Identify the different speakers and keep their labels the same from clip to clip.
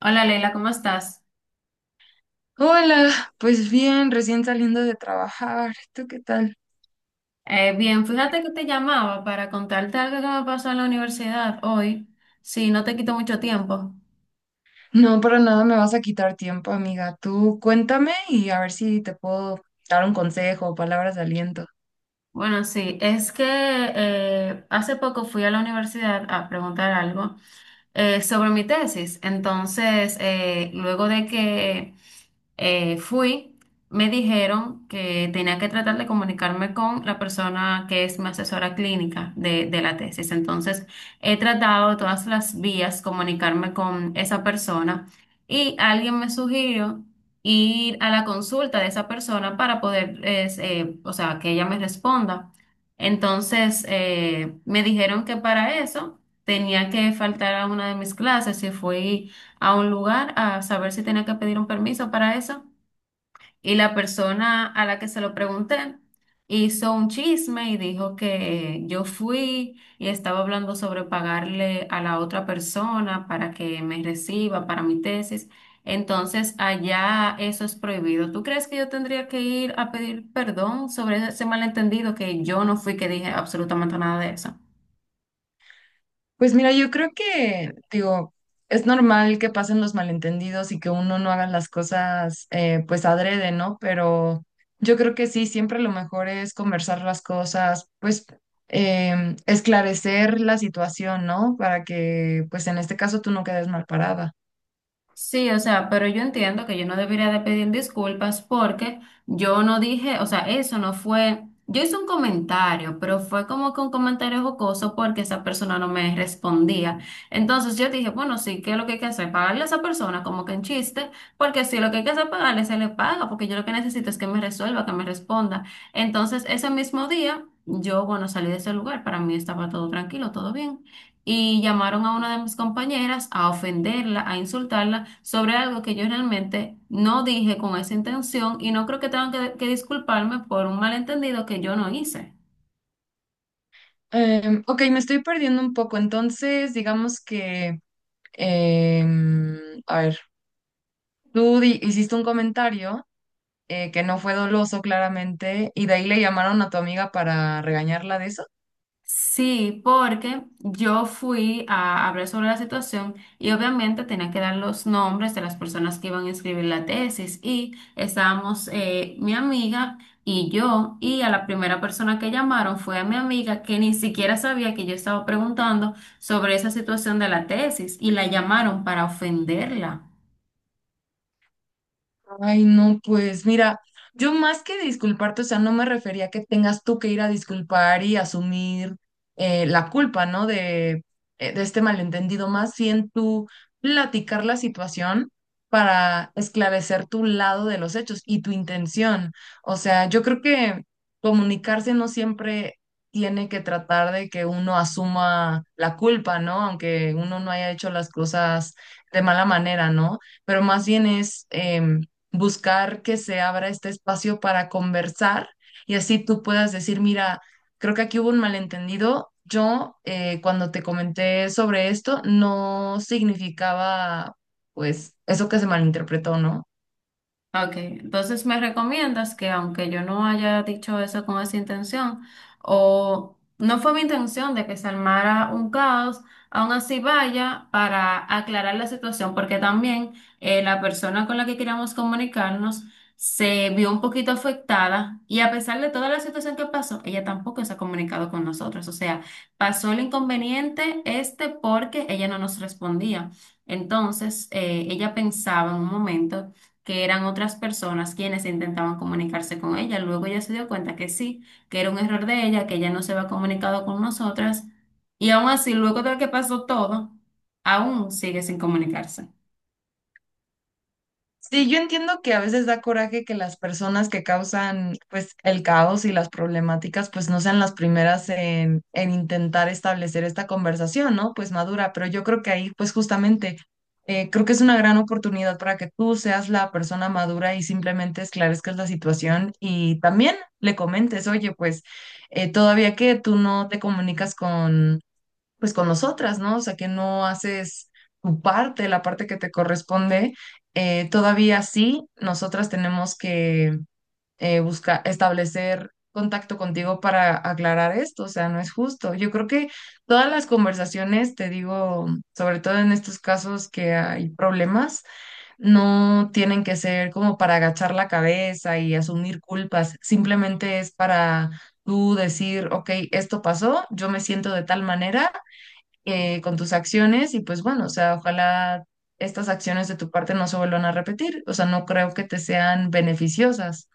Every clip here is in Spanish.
Speaker 1: Hola Leila, ¿cómo estás?
Speaker 2: Hola, pues bien, recién saliendo de trabajar. ¿Tú qué tal?
Speaker 1: Bien, fíjate que te llamaba para contarte algo que me pasó en la universidad hoy. Sí, no te quito mucho tiempo.
Speaker 2: No, para nada me vas a quitar tiempo, amiga. Tú cuéntame y a ver si te puedo dar un consejo o palabras de aliento.
Speaker 1: Bueno, sí, es que hace poco fui a la universidad a preguntar algo sobre mi tesis. Entonces, luego de que fui, me dijeron que tenía que tratar de comunicarme con la persona que es mi asesora clínica de la tesis. Entonces, he tratado de todas las vías comunicarme con esa persona y alguien me sugirió ir a la consulta de esa persona para poder, es, o sea, que ella me responda. Entonces, me dijeron que para eso tenía que faltar a una de mis clases y fui a un lugar a saber si tenía que pedir un permiso para eso. Y la persona a la que se lo pregunté hizo un chisme y dijo que yo fui y estaba hablando sobre pagarle a la otra persona para que me reciba para mi tesis. Entonces, allá eso es prohibido. ¿Tú crees que yo tendría que ir a pedir perdón sobre ese malentendido que yo no fui que dije absolutamente nada de eso?
Speaker 2: Pues mira, yo creo que, digo, es normal que pasen los malentendidos y que uno no haga las cosas, pues adrede, ¿no? Pero yo creo que sí, siempre lo mejor es conversar las cosas, pues esclarecer la situación, ¿no? Para que, pues en este caso tú no quedes mal parada.
Speaker 1: Sí, o sea, pero yo entiendo que yo no debería de pedir disculpas porque yo no dije, o sea, eso no fue, yo hice un comentario, pero fue como que un comentario jocoso porque esa persona no me respondía. Entonces yo dije, bueno, sí, ¿qué es lo que hay que hacer? Pagarle a esa persona como que en chiste, porque si lo que hay que hacer es pagarle, se le paga, porque yo lo que necesito es que me resuelva, que me responda. Entonces ese mismo día, yo, bueno, salí de ese lugar, para mí estaba todo tranquilo, todo bien y llamaron a una de mis compañeras a ofenderla, a insultarla sobre algo que yo realmente no dije con esa intención y no creo que tengan que disculparme por un malentendido que yo no hice.
Speaker 2: Ok, me estoy perdiendo un poco. Entonces, digamos que, em, a ver, hiciste un comentario que no fue doloso, claramente, y de ahí le llamaron a tu amiga para regañarla de eso.
Speaker 1: Sí, porque yo fui a hablar sobre la situación y obviamente tenía que dar los nombres de las personas que iban a escribir la tesis y estábamos mi amiga y yo y a la primera persona que llamaron fue a mi amiga que ni siquiera sabía que yo estaba preguntando sobre esa situación de la tesis y la llamaron para ofenderla.
Speaker 2: Ay, no, pues mira, yo más que disculparte, o sea, no me refería a que tengas tú que ir a disculpar y asumir la culpa, ¿no? De este malentendido, más bien tú platicar la situación para esclarecer tu lado de los hechos y tu intención. O sea, yo creo que comunicarse no siempre tiene que tratar de que uno asuma la culpa, ¿no? Aunque uno no haya hecho las cosas de mala manera, ¿no? Pero más bien es buscar que se abra este espacio para conversar y así tú puedas decir, mira, creo que aquí hubo un malentendido. Yo cuando te comenté sobre esto no significaba pues eso que se malinterpretó, ¿no?
Speaker 1: Ok, entonces me recomiendas que aunque yo no haya dicho eso con esa intención, o no fue mi intención de que se armara un caos, aún así vaya para aclarar la situación, porque también la persona con la que queríamos comunicarnos se vio un poquito afectada y a pesar de toda la situación que pasó, ella tampoco se ha comunicado con nosotros. O sea, pasó el inconveniente este porque ella no nos respondía. Entonces, ella pensaba en un momento que eran otras personas quienes intentaban comunicarse con ella. Luego ella se dio cuenta que sí, que era un error de ella, que ella no se había comunicado con nosotras. Y aún así, luego de que pasó todo, aún sigue sin comunicarse.
Speaker 2: Sí, yo entiendo que a veces da coraje que las personas que causan pues el caos y las problemáticas pues no sean las primeras en intentar establecer esta conversación, ¿no? Pues madura, pero yo creo que ahí pues justamente creo que es una gran oportunidad para que tú seas la persona madura y simplemente esclarezcas la situación y también le comentes, oye, pues todavía que tú no te comunicas con pues con nosotras, ¿no? O sea, que no haces tu parte, la parte que te corresponde. Todavía sí, nosotras tenemos que buscar, establecer contacto contigo para aclarar esto, o sea, no es justo. Yo creo que todas las conversaciones, te digo, sobre todo en estos casos que hay problemas, no tienen que ser como para agachar la cabeza y asumir culpas, simplemente es para tú decir, ok, esto pasó, yo me siento de tal manera con tus acciones y pues bueno, o sea, ojalá estas acciones de tu parte no se vuelvan a repetir, o sea, no creo que te sean beneficiosas.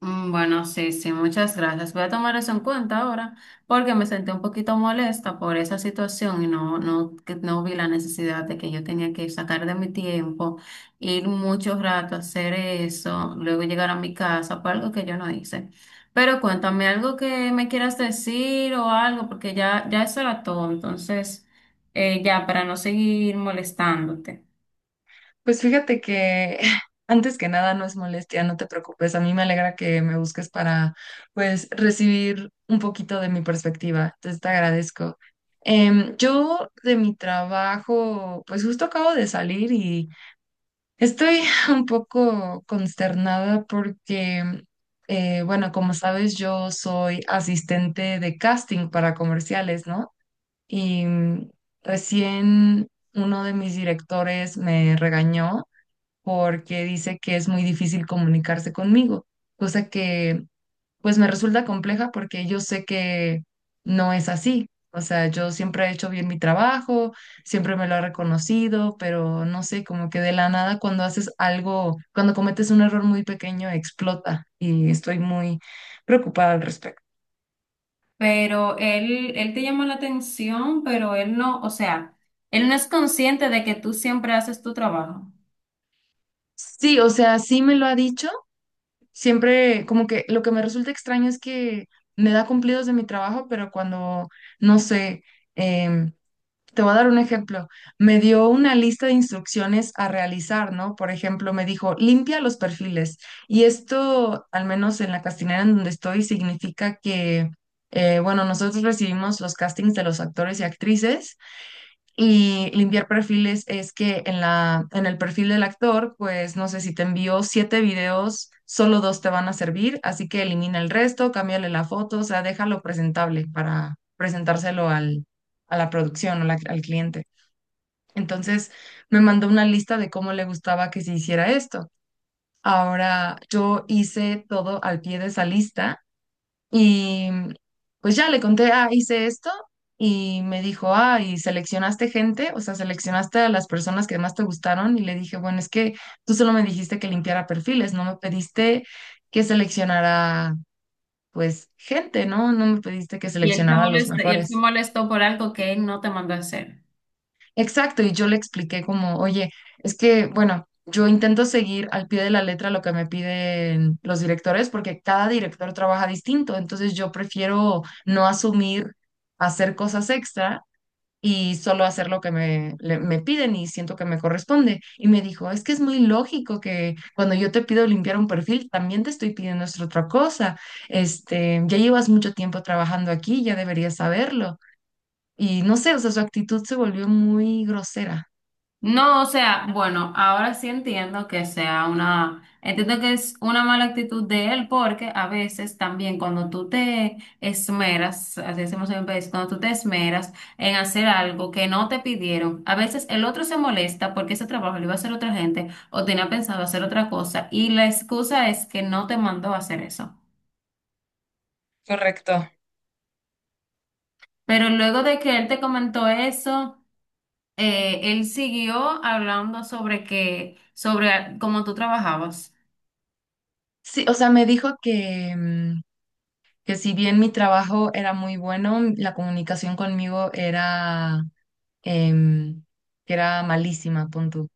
Speaker 1: Bueno, sí, sí, muchas gracias. Voy a tomar eso en cuenta ahora porque me sentí un poquito molesta por esa situación y que no vi la necesidad de que yo tenía que sacar de mi tiempo, ir mucho rato a hacer eso, luego llegar a mi casa por algo que yo no hice. Pero cuéntame algo que me quieras decir o algo porque ya eso era todo. Entonces, ya, para no seguir molestándote.
Speaker 2: Pues fíjate que antes que nada no es molestia, no te preocupes, a mí me alegra que me busques para pues recibir un poquito de mi perspectiva, entonces te agradezco. Yo de mi trabajo, pues justo acabo de salir y estoy un poco consternada porque, bueno, como sabes, yo soy asistente de casting para comerciales, ¿no? Y mm, recién uno de mis directores me regañó porque dice que es muy difícil comunicarse conmigo, cosa que pues me resulta compleja porque yo sé que no es así. O sea, yo siempre he hecho bien mi trabajo, siempre me lo ha reconocido, pero no sé, como que de la nada cuando haces algo, cuando cometes un error muy pequeño, explota y estoy muy preocupada al respecto.
Speaker 1: Pero él te llama la atención, pero él no, o sea, él no es consciente de que tú siempre haces tu trabajo.
Speaker 2: Sí, o sea, sí me lo ha dicho. Siempre, como que lo que me resulta extraño es que me da cumplidos de mi trabajo, pero cuando, no sé, em, te voy a dar un ejemplo. Me dio una lista de instrucciones a realizar, ¿no? Por ejemplo, me dijo, limpia los perfiles. Y esto, al menos en la castinera en donde estoy, significa que, bueno, nosotros recibimos los castings de los actores y actrices y limpiar perfiles es que en el perfil del actor, pues no sé si te envió siete videos, solo dos te van a servir, así que elimina el resto, cámbiale la foto, o sea, déjalo presentable para presentárselo a la producción al cliente. Entonces me mandó una lista de cómo le gustaba que se hiciera esto. Ahora yo hice todo al pie de esa lista y pues ya le conté, ah, hice esto y me dijo, ah, y seleccionaste gente, o sea, seleccionaste a las personas que más te gustaron y le dije, bueno, es que tú solo me dijiste que limpiara perfiles, no me pediste que seleccionara pues gente, ¿no? No me pediste que
Speaker 1: Y él se
Speaker 2: seleccionara a los
Speaker 1: molesta, y él se
Speaker 2: mejores.
Speaker 1: molestó por algo que él no te mandó a hacer.
Speaker 2: Exacto, y yo le expliqué como, oye, es que, bueno, yo intento seguir al pie de la letra lo que me piden los directores porque cada director trabaja distinto, entonces yo prefiero no asumir hacer cosas extra y solo hacer lo que me piden y siento que me corresponde. Y me dijo, es que es muy lógico que cuando yo te pido limpiar un perfil, también te estoy pidiendo esta otra cosa. Este, ya llevas mucho tiempo trabajando aquí, ya deberías saberlo. Y no sé, o sea, su actitud se volvió muy grosera.
Speaker 1: No, o sea, bueno, ahora sí entiendo que sea una, entiendo que es una mala actitud de él porque a veces también cuando tú te esmeras, así decimos en mi país, cuando tú te esmeras en hacer algo que no te pidieron, a veces el otro se molesta porque ese trabajo lo iba a hacer otra gente o tenía pensado hacer otra cosa y la excusa es que no te mandó a hacer eso.
Speaker 2: Correcto.
Speaker 1: Pero luego de que él te comentó eso, él siguió hablando sobre que, sobre cómo tú trabajabas.
Speaker 2: Sí, o sea, me dijo que, mm, que si bien mi trabajo era muy bueno, la comunicación conmigo era, em, que era malísima, pon tú.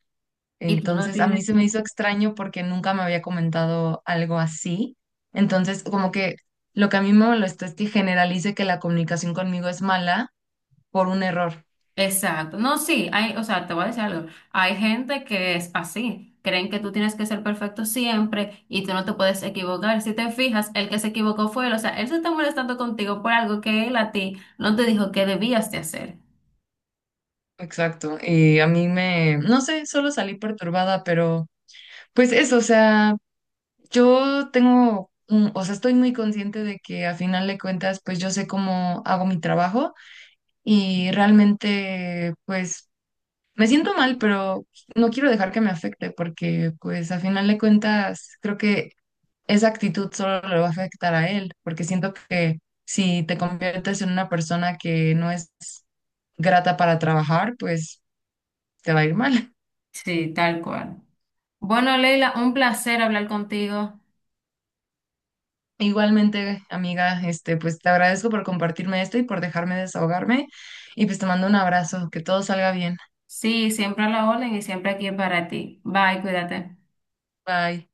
Speaker 1: Y tú no
Speaker 2: Entonces, a mí se
Speaker 1: tienes.
Speaker 2: me hizo extraño porque nunca me había comentado algo así. Entonces, como que lo que a mí me molestó es que generalice que la comunicación conmigo es mala por un error.
Speaker 1: Exacto. No, sí, hay, o sea, te voy a decir algo. Hay gente que es así. Creen que tú tienes que ser perfecto siempre y tú no te puedes equivocar. Si te fijas, el que se equivocó fue él. O sea, él se está molestando contigo por algo que él a ti no te dijo que debías de hacer.
Speaker 2: Exacto. Y a mí me, no sé, solo salí perturbada, pero pues eso, o sea... O sea, estoy muy consciente de que a final de cuentas, pues yo sé cómo hago mi trabajo y realmente, pues me siento mal, pero no quiero dejar que me afecte porque, pues a final de cuentas, creo que esa actitud solo le va a afectar a él, porque siento que si te conviertes en una persona que no es grata para trabajar, pues te va a ir mal.
Speaker 1: Sí, tal cual. Bueno, Leila, un placer hablar contigo.
Speaker 2: Igualmente, amiga, este, pues te agradezco por compartirme esto y por dejarme desahogarme. Y pues te mando un abrazo, que todo salga bien.
Speaker 1: Sí, siempre a la orden y siempre aquí para ti. Bye, cuídate.
Speaker 2: Bye.